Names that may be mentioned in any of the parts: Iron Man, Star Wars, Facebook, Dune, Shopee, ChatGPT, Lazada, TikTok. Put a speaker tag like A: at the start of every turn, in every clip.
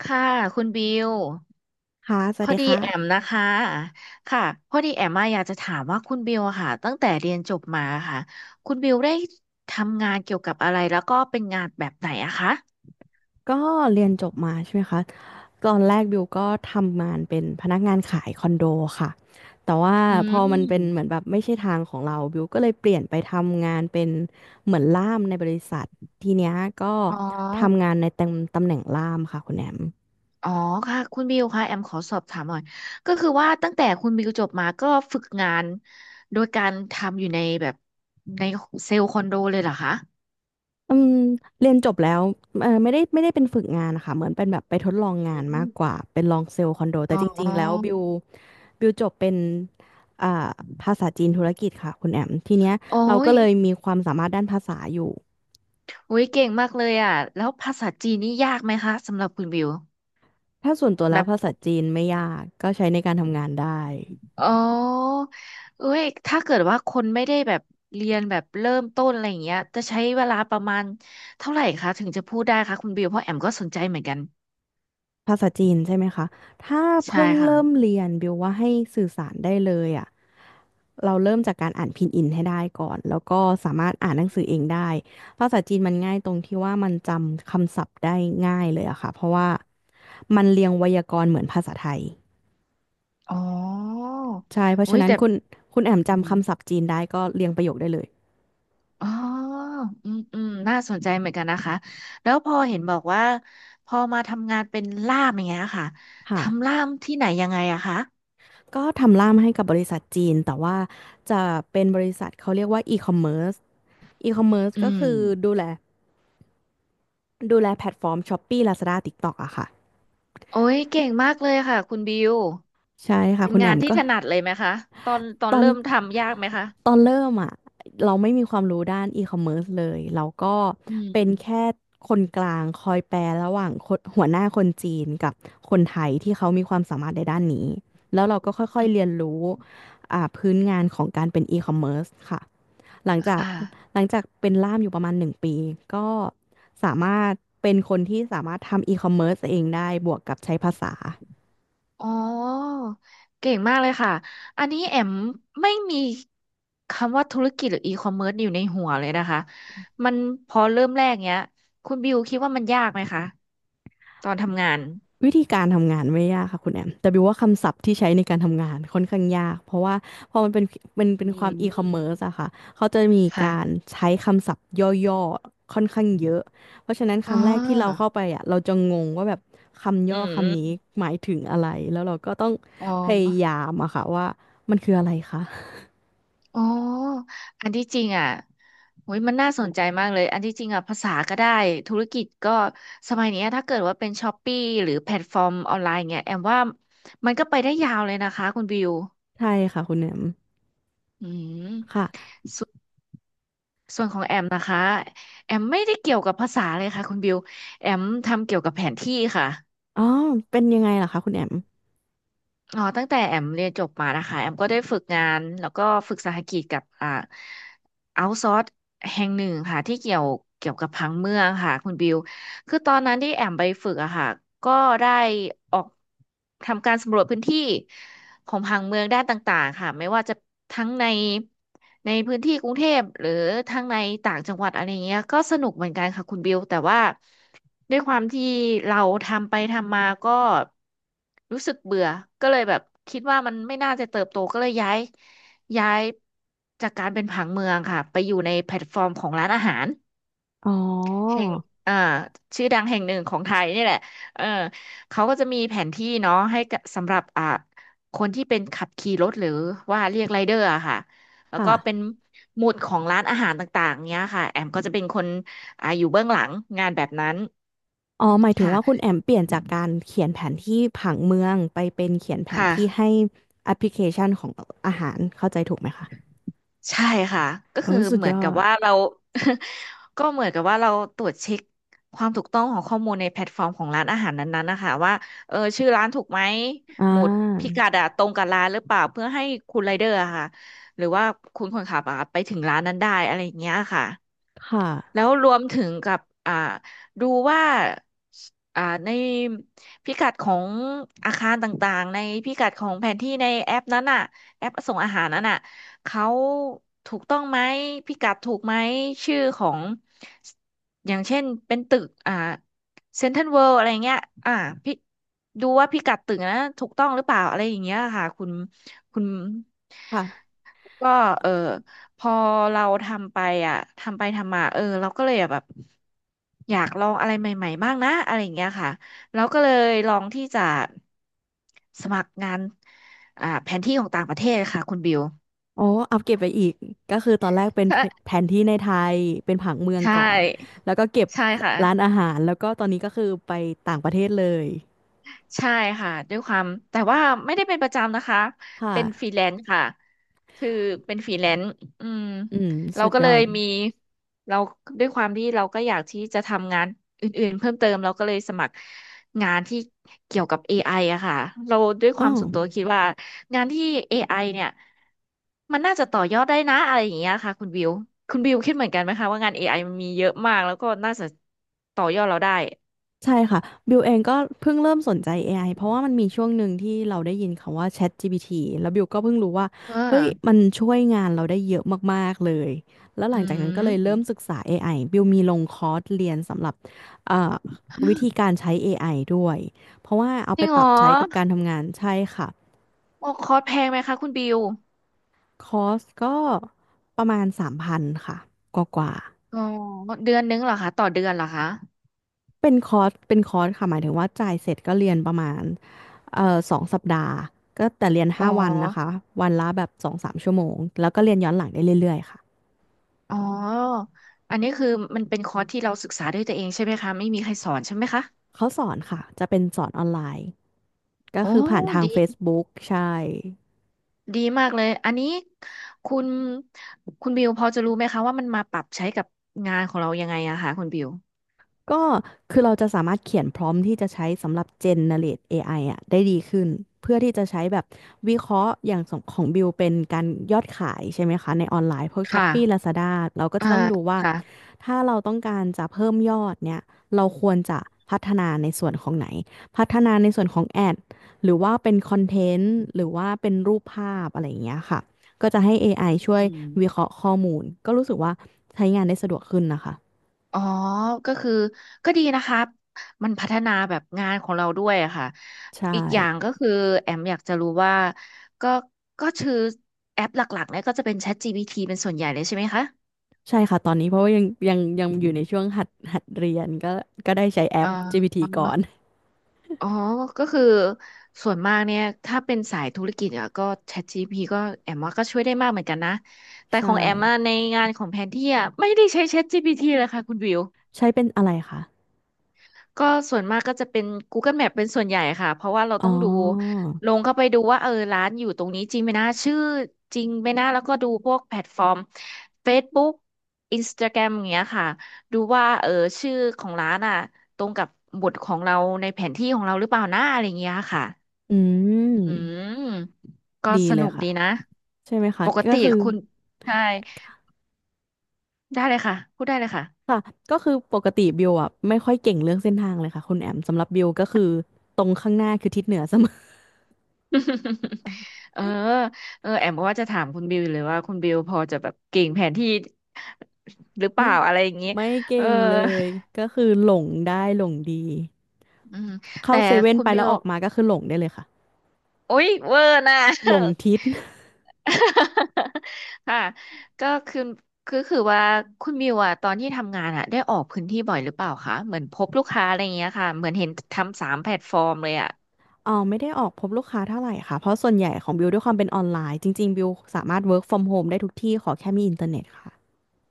A: ค่ะคุณบิว
B: ค่ะส
A: พ
B: วัส
A: อ
B: ดี
A: ดี
B: ค
A: แอม
B: ่ะ
A: นะคะค่ะพอดีแอมมาอยากจะถามว่าคุณบิวอะค่ะตั้งแต่เรียนจบมาค่ะคุณบิวได้ทำงานเกี่ยวกับอะไรแล้วก็เป็นงานแบบไหนอะคะ
B: ก็เรียนจบมาใช่ไหมคะตอนแรกบิวก็ทำงานเป็นพนักงานขายคอนโดค่ะแต่ว่า
A: อื
B: พอมันเป็นเหมือน
A: ม
B: แบบไม่ใช่ทางของเราบิวก็เลยเปลี่ยนไปทำงานเป็นเหมือนล่ามในบริษัททีเนี้ยก็
A: อ๋อ
B: ทำงานในตำแหน่งล่ามค่ะคุณแอม
A: อ๋อค่ะคุณบิวค่ะแอมขอสอบถามหน่อยก็คือว่าตั้งแต่คุณบิวจบมาก็ฝึกงานโดยการทำอยู่ในแบบในเซลล์คอนโดเลยเหรอคะ
B: อืมเรียนจบแล้วเออไม่ได้เป็นฝึกงานนะคะเหมือนเป็นแบบไปทดลองงาน
A: อื
B: มาก
A: ม
B: กว่าเป็นลองเซลล์คอนโดแต่
A: อ๋
B: จริงๆแล้วบิ
A: อ
B: ว จบเป็นอ่าภาษาจีนธุรกิจค่ะคุณแอมทีเนี้ย
A: โอ้
B: เราก็
A: ย
B: เลยมีความสามารถด้านภาษาอยู่
A: อุ้ยเก่งมากเลยอ่ะแล้วภาษาจีนนี่ยากไหมคะสำหรับคุณบิว
B: ถ้าส่วนตัวแล้ว
A: แบบ
B: ภาษาจีนไม่ยากก็ใช้ในการทำงานได้
A: อ๋อเอ้ยถ้าเกิดว่าคนไม่ได้แบบเรียนแบบเริ่มต้นอะไรอย่างเงี้ยจะใช้เวลาประมาณเท่าไหร่คะถึงจะพูดได้คะคุณบิวเพราะแอมก็สนใจเหมือนกัน
B: ภาษาจีนใช่ไหมคะถ้า
A: ใช่
B: เพิ่ง
A: ค่ะ
B: เริ่มเรียนบิวว่าให้สื่อสารได้เลยอ่ะเราเริ่มจากการอ่านพินอินให้ได้ก่อนแล้วก็สามารถอ่านหนังสือเองได้ภาษาจีนมันง่ายตรงที่ว่ามันจำคำศัพท์ได้ง่ายเลยอะค่ะเพราะว่ามันเรียงไวยากรณ์เหมือนภาษาไทย
A: อ๋อ
B: ใช่เพราะ
A: อุ้
B: ฉะ
A: ย
B: นั้น
A: แต่
B: คุณแอม
A: อื
B: จำ
A: ม
B: คำศัพท์จีนได้ก็เรียงประโยคได้เลย
A: อ๋ออืมอืมน่าสนใจเหมือนกันนะคะแล้วพอเห็นบอกว่าพอมาทำงานเป็นล่ามอย่างเงี้ยค่ะ
B: ค่ะ
A: ทำล่ามที่ไหนยังไงอะคะ
B: ก็ทำล่ามให้กับบริษัทจีนแต่ว่าจะเป็นบริษัทเขาเรียกว่าอีคอมเมิร์
A: อื
B: ก็
A: ม
B: คือดูแลดูแลแพลตฟอร์ม Shopee Lazada TikTok อะค่ะ
A: โอ้ยเก่งมากเลยค่ะคุณบิว
B: ใช่ค่ะ
A: เป็น
B: คุณแอ
A: งาน
B: ม
A: ที่
B: ก็
A: ถนัดเลยไหมคะตอนตอ
B: ต
A: น
B: อน
A: เริ่มทำยากไหมคะ
B: ตอนเริ่มอ่ะเราไม่มีความรู้ด้านอีคอมเมิร์ซเลยเราก็
A: อื
B: เป็น
A: ม
B: แค่คนกลางคอยแปลระหว่างคนหัวหน้าคนจีนกับคนไทยที่เขามีความสามารถในด้านนี้แล้วเราก็ค่อย
A: อื
B: ๆเรียน
A: ม
B: รู้พื้นงานของการเป็นอีคอมเมิร์ซค่ะหลังจา
A: ค
B: ก
A: ่ะ
B: หลังจากเป็นล่ามอยู่ประมาณหนึ่งปีก็สามารถเป็นคนที่สามารถทำอีคอมเมิร์ซเองได้บวกกับใช้ภาษา
A: อ๋อเก่งมากเลยค่ะอันนี้แอมไม่มีคำว่าธุรกิจหรืออีคอมเมิร์ซอยู่ในหัวเลยนะคะมันพอเริ่มแรกเนี้ยคุณบิวคิดว่ามันยากไหมคะตอนทำงาน
B: วิธีการทำงานไม่ยากค่ะคุณแอมแต่บิวว่าคำศัพท์ที่ใช้ในการทำงานค่อนข้างยากเพราะว่าพอมันเป็นเป็นเป็
A: อื
B: นความ
A: ม
B: อีคอมเมิร์ซอะค่ะเขาจะมีการ
A: ค่ะ
B: ใช้คำศัพท์ย่อๆค่อนข้างเยอะเพราะฉะนั้นค
A: อ่
B: รั้งแรกที่เรา
A: า
B: เข้าไปอะเราจะงงว่าแบบคำ
A: อื
B: ย่อคำนี้
A: ม
B: หมายถึงอะไรแล้วเราก็ต้อง
A: อ๋อ
B: พยายามอะค่ะว่ามันคืออะไรคะ
A: อ๋ออันที่จริงอ่ะโอ้ยมันน่าสนใจมากเลย อันที่จริงอ่ะภาษาก็ได้ ธุรกิจก็สมัยเนี้ยถ้าเกิดว่าเป็นช้อปปี้หรือแพลตฟอร์มออนไลน์เงี้ยแอมว่ามันก็ไปได้ยาวเลยนะคะคุณบิว
B: ใช่ค่ะคุณแอม
A: อืม
B: ค่ะ
A: สส่วนของแอมนะคะ แอมไม่ได้เกี่ยวกับภาษาเลยค่ะคุณบิว แอมทำเกี่ยวกับแผนที่ค่ะ
B: อ๋อเป็นยังไงล่ะคะคุณแอม
A: อ๋อตั้งแต่แอมเรียนจบมานะคะแอมก็ได้ฝึกงานแล้วก็ฝึกสหกิจกับเอาท์ซอร์แห่งหนึ่งค่ะที่เกี่ยวกับผังเมืองค่ะคุณบิว คือตอนนั้นที่แอมไปฝึกอะค่ะก็ได้ออกทำการสำรวจพื้นที่ ของผังเมืองด้านต่างๆค่ะไม่ว่าจะทั้งในในพื้นที่กรุงเทพหรือทั้งในต่างจังหวัดอะไรเงี้ยก็สนุกเหมือนกันค่ะคุณบิวแต่ว่าด้วยความที่เราทำไปทำมาก็รู้สึกเบื่อก็เลยแบบคิดว่ามันไม่น่าจะเติบโตก็เลยย้ายจากการเป็นผังเมืองค่ะไปอยู่ในแพลตฟอร์มของร้านอาหาร
B: อ๋อ
A: แห่งอ่าชื่อดังแห่งหนึ่งของไทยนี่แหละเออเขาก็จะมีแผนที่เนาะให้กับสำหรับคนที่เป็นขับขี่รถหรือว่าเรียกไรเดอร์อะค่ะ แล้ว
B: ค่ะ
A: ก็เป็นหมุดของร้านอาหารต่างๆเนี้ยค่ะ แอมก็จะเป็นคนอยู่เบื้องหลังงานแบบนั้น
B: อ๋อหมายถึงว่าคุณ
A: ค่ะ
B: แอมเปลี่ยนจากการเขียนแผนที่ผังเมืองไปเป็นเขียนแผน
A: ค่ะ
B: ที่ให้แอปพลิเคชันของอาหารเข้าใจถูกไหมคะ
A: ใช่ค่ะก็
B: โอ้
A: คือ
B: ยสุด
A: เหมื
B: ย
A: อน
B: อ
A: กับ
B: ด
A: ว่าเรา ก็เหมือนกับว่าเราตรวจเช็คความถูกต้องของข้อมูลในแพลตฟอร์มของร้านอาหารนั้นๆนะคะว่าเออชื่อร้านถูกไหม
B: อ่
A: หมุดพิ
B: า
A: กัดอะตรงกับร้านหรือเปล่าเพื่อให้คุณไรเดอร์อะค่ะหรือว่าคุณคนขับอะไปถึงร้านนั้นได้อะไรอย่างเงี้ยค่ะ
B: ค่ะ
A: แล้วรวมถึงกับอ่าดูว่าอ่าในพิกัดของอาคารต่างๆในพิกัดของแผนที่ในแอปนั้นน่ะแอปส่งอาหารนั้นน่ะเขาถูกต้องไหมพิกัดถูกไหมชื่อของสอย่างเช่นเป็นตึกเซ็นทรัลเวิลด์อะไรเงี้ยอ่าพี่ดูว่าพิกัดตึกนะถูกต้องหรือเปล่าอะไรอย่างเงี้ยค่ะคุณ
B: ค่ะ
A: ก็เออพอเราทำไปอ่ะทำไปทำมาเออเราก็เลยแบบอยากลองอะไรใหม่ๆ บ้างนะอะไรอย่างเงี้ยค่ะแล้วก็เลยลองที่จะสมัครงานแผนที่ของต่างประเทศค่ะคุณบิว
B: โอ้อัปเก็บไปอีกก็คือตอนแรกเป็น
A: ใช่
B: แผนที่ในไทยเป็นผังเมือง
A: ใช
B: ก่อน
A: ่
B: แล้วก็เก็บ
A: ใช่ค่ะ
B: ร้านอาหารแล้วก็ตอนนี้ก็คือไปต่างประเทศเลย
A: ใช่ค่ะด้วยความแต่ว่าไม่ได้เป็นประจำนะคะ
B: ค่ะ
A: เป็นฟรีแลนซ์ค่ะคือเป็นฟรีแลนซ์อืม
B: อืม
A: เรา
B: สุด
A: ก็
B: ย
A: เล
B: อ
A: ย
B: ด
A: มีเราด้วยความที่เราก็อยากที่จะทำงานอื่นๆเพิ่มเติมเราก็เลยสมัครงานที่เกี่ยวกับเอ i ออะค่ะเราด้วยค
B: อ๋อ
A: วามส่วนตัวคิดว่างานที่ AI เนี่ยมันน่าจะต่อยอดได้นะอะไรอย่างเงี้ยค่ะคุณบิวคุณบิวคิดเหมือนกันไหมคะว่างาน AI มันมีเยอะมากแล้วก็น่าจะต่อยอดเราได้
B: ใช่ค่ะบิวเองก็เพิ่งเริ่มสนใจ AI เพราะว่ามันมีช่วงหนึ่งที่เราได้ยินคำว่า ChatGPT แล้วบิวก็เพิ่งรู้ว่า
A: เอ่า
B: เฮ้ยมันช่วยงานเราได้เยอะมากๆเลยแล้วห
A: อื
B: ลังจากนั้นก็เลยเริ่มศึ
A: ม
B: กษา AI บิวมีลงคอร์สเรียนสำหรับเอ่อวิธีการใช้ AI ด้วยเพราะว่าเอา
A: จ
B: ไป
A: ริงเห
B: ป
A: ร
B: รับ
A: อ
B: ใช้กับการทำงานใช่ค่ะ
A: โอ้คอร์สแพงไหมคะคุณบิว
B: คอร์สก็ประมาณ3,000ค่ะกว่าๆ
A: อ๋อเดือนนึงเหรอคะต่อเดือนเหรอคะ
B: เป็นคอร์สค่ะหมายถึงว่าจ่ายเสร็จก็เรียนประมาณสองสัปดาห์ก็แต่เรียน
A: อ๋อ
B: ห้าวันนะคะวันละแบบสองสามชั่วโมงแล้วก็เรียนย้อนหลังได้เรื่อยๆค่ะ
A: อ๋ออันนี้คือมันเป็นคอร์สที่เราศึกษาด้วยตัวเองใช่ไหมคะไม่มีใครสอนใช่ไหมคะ
B: เขาสอนค่ะจะเป็นสอนออนไลน์ก็
A: โอ้
B: คือผ่านทาง
A: ดี
B: Facebook ใช่
A: ดีมากเลยอันนี้คุณคุณบิวพอจะรู้ไหมคะว่ามันมาปรับใช้กับงานของเรายังไงอะคะคุณบิว
B: ก็คือเราจะสามารถเขียนพร้อมที่จะใช้สำหรับ generate AI อไออ่ะได้ดีขึ้นเพื่อที่จะใช้แบบวิเคราะห์อย่างของบิวเป็นการยอดขายใช่ไหมคะในออนไลน์พวก
A: ค่ะ
B: Shopee Lazada เราก็
A: อ่า
B: จะต้องดูว่า
A: ค่ะ
B: ถ้าเราต้องการจะเพิ่มยอดเนี่ยเราควรจะพัฒนาในส่วนของไหนพัฒนาในส่วนของแอดหรือว่าเป็นคอนเทนต์หรือว่าเป็นรูปภาพอะไรอย่างเงี้ยค่ะก็จะให้เอไอช่วย
A: อืม
B: วิเคราะห์ข้อมูลก็รู้สึกว่าใช้งานได้สะดวกขึ้นนะคะ
A: อ๋อ ก็คือก็ดีนะคะมันพัฒนาแบบงานของเราด้วยอะค่ะ
B: ใช่
A: อีกอย่างก็คือแอมอยากจะรู้ว่าก็ก็คือแอปหลักๆเนี่ยก็จะเป็น ChatGPT เป็นส่วนใหญ่เลยใช่ไหมคะ
B: ใช่ค่ะตอนนี้เพราะว่ายังอยู่ในช่วงหัดเรียนก็ได้ใช้แอ
A: อ่า
B: ป GPT ก่อน
A: ออ๋อ ก็คือส่วนมากเนี่ยถ้าเป็นสายธุรกิจอะก็ ChatGPT ก็แอมว่าก็ช่วยได้มากเหมือนกันนะ แต่ข
B: ใช่
A: องแอมอะในงานของแผนที่อะไม่ได้ใช้ ChatGPT เลยค่ะคุณวิว
B: ใช้เป็นอะไรคะ
A: ก็ส่วนมากก็จะเป็น Google Map เป็นส่วนใหญ่ค่ะเพราะว่าเรา
B: อ๋อ
A: ต้องดูลงเข้าไปดูว่าเออร้านอยู่ตรงนี้จริงไหมนะชื่อจริงไหมนะแล้วก็ดูพวกแพลตฟอร์ม Facebook Instagram อย่างเงี้ยค่ะดูว่าเออชื่อของร้านอ่ะตรงกับบทของเราในแผนที่ของเราหรือเปล่านะอะไรเงี้ยค่ะ
B: อื
A: อื
B: ม
A: มก็
B: ดี
A: ส
B: เล
A: นุ
B: ย
A: ก
B: ค่ะ
A: ดีนะ
B: ใช่ไหมคะ
A: ปก
B: ก็
A: ติ
B: คือ
A: คุณใช่ได้เลยค่ะพูดได้เลยค่ะ
B: ค่ะก็คือปกติบิวอ่ะไม่ค่อยเก่งเรื่องเส้นทางเลยค่ะคุณแอมสำหรับบิวก็คือตรงข้างหน้าคือทิศเหนือเสมอ
A: เออเออแอมกว่าจะถามคุณบิวเลยว่าคุณบิวพอจะแบบเก่งแผนที่หรือเป
B: ไม่
A: ล่าอะไรอย่างนี้
B: ไม่
A: เออ
B: เก่งเลยก็คือหลงได้หลงดี
A: อืม
B: เข้า
A: แต่
B: เซเว่น
A: คุณ
B: ไป
A: บิ
B: แล้ว
A: ว
B: ออกมาก็คือหลงได้เลยค่ะ
A: โอ๊ยเวอร์นะ
B: หลงทิศ
A: ค่ะก็คือคือว่าคุณบิวอะตอนที่ทำงานอะได้ออกพื้นที่บ่อยหรือเปล่าคะเหมือนพบลูกค้าอะไรอย่างเงี้ยค่ะเหมือนเห็นทำสามแพลตฟอร์มเลยอะ
B: อ๋อไม่ได้ออกพบลูกค้าเท่าไหร่ค่ะเพราะส่วนใหญ่ของบิวด้วยความเป็นออนไลน์จริงๆบิวสามารถ work from home ได้ทุกที่ขอแค่มีอินเทอร์เน็ตค่ะ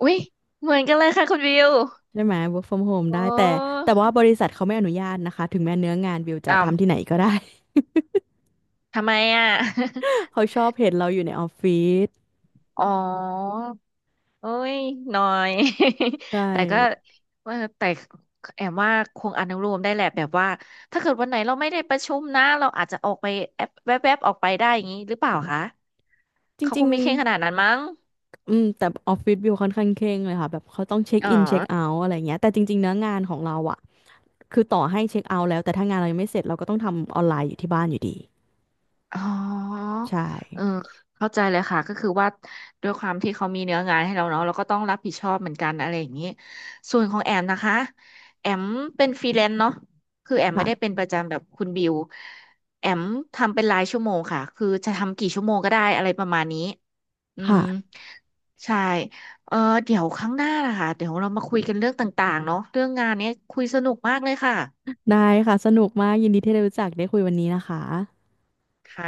A: อุ๊ยเหมือนกันเลยค่ะคุณบิว
B: ใช่ไหม work from home ได้
A: โอ้
B: แต่ว่าบริษัทเขาไม่อนุญาตนะคะถึงแม้เนื้องานบิวจะ
A: อ้าว
B: ทำที่ไหนก็ได้
A: ทำไมอะ
B: เขาชอบเห็นเราอยู่ในออฟฟิศ
A: อ๋อ โอ้ยน้อย
B: ใช่
A: แต่ก็ว่าแต่แอมว่าคงอนุโลมได้แหละแบบว่า ถ้าเกิดวันไหนเราไม่ได้ประชุมนะเราอาจจะออกไปแอบแวบๆออกไปได้อย่างนี้หรือเปล่าคะ
B: จ
A: เขาค
B: ริง
A: งไม่เคร่งขนาดนั้นมั้ง
B: ๆแต่ออฟฟิศบิวค่อนข้างเคร่งเลยค่ะแบบเขาต้องเช็ค
A: อ๋อ
B: อินเช็คเอาท์อะไรเงี้ยแต่จริงๆเนื้องานของเราอะคือต่อให้เช็คเอาท์แล้วแต่ถ้างานเรายังไม่เสร็จเราก็ต้องทำออนไลน์อยู่ที่บ้านอยู่ดี
A: อ๋อ
B: ใช่
A: เออเข้าใจเลยค่ะก็คือว่าด้วยความที่เขามีเนื้องานให้เราเนาะเราก็ต้องรับผิดชอบเหมือนกันอะไรอย่างนี้ส่วนของแอมนะคะแอมเป็นฟรีแลนซ์เนาะคือแอมไม่ได้เป็น
B: ค่ะ
A: ประจำแบบคุณบิวแอมทำเป็นรายชั่วโมงค่ะคือจะทำกี่ชั่วโมงก็ได้อะไรประมาณนี้อืม
B: ค่ะ
A: ใช่เออเดี๋ยวครั้งหน้านะคะเดี๋ยวเรามาคุยกันเรื่องต่างๆเนาะเรื่องงานเนี้ยคุยสนุกมากเลยค่ะ
B: ได้ค่ะสนุกมากยินดีที่ได้รู้จักได้คุยวันนี้นะคะ
A: ค่ะ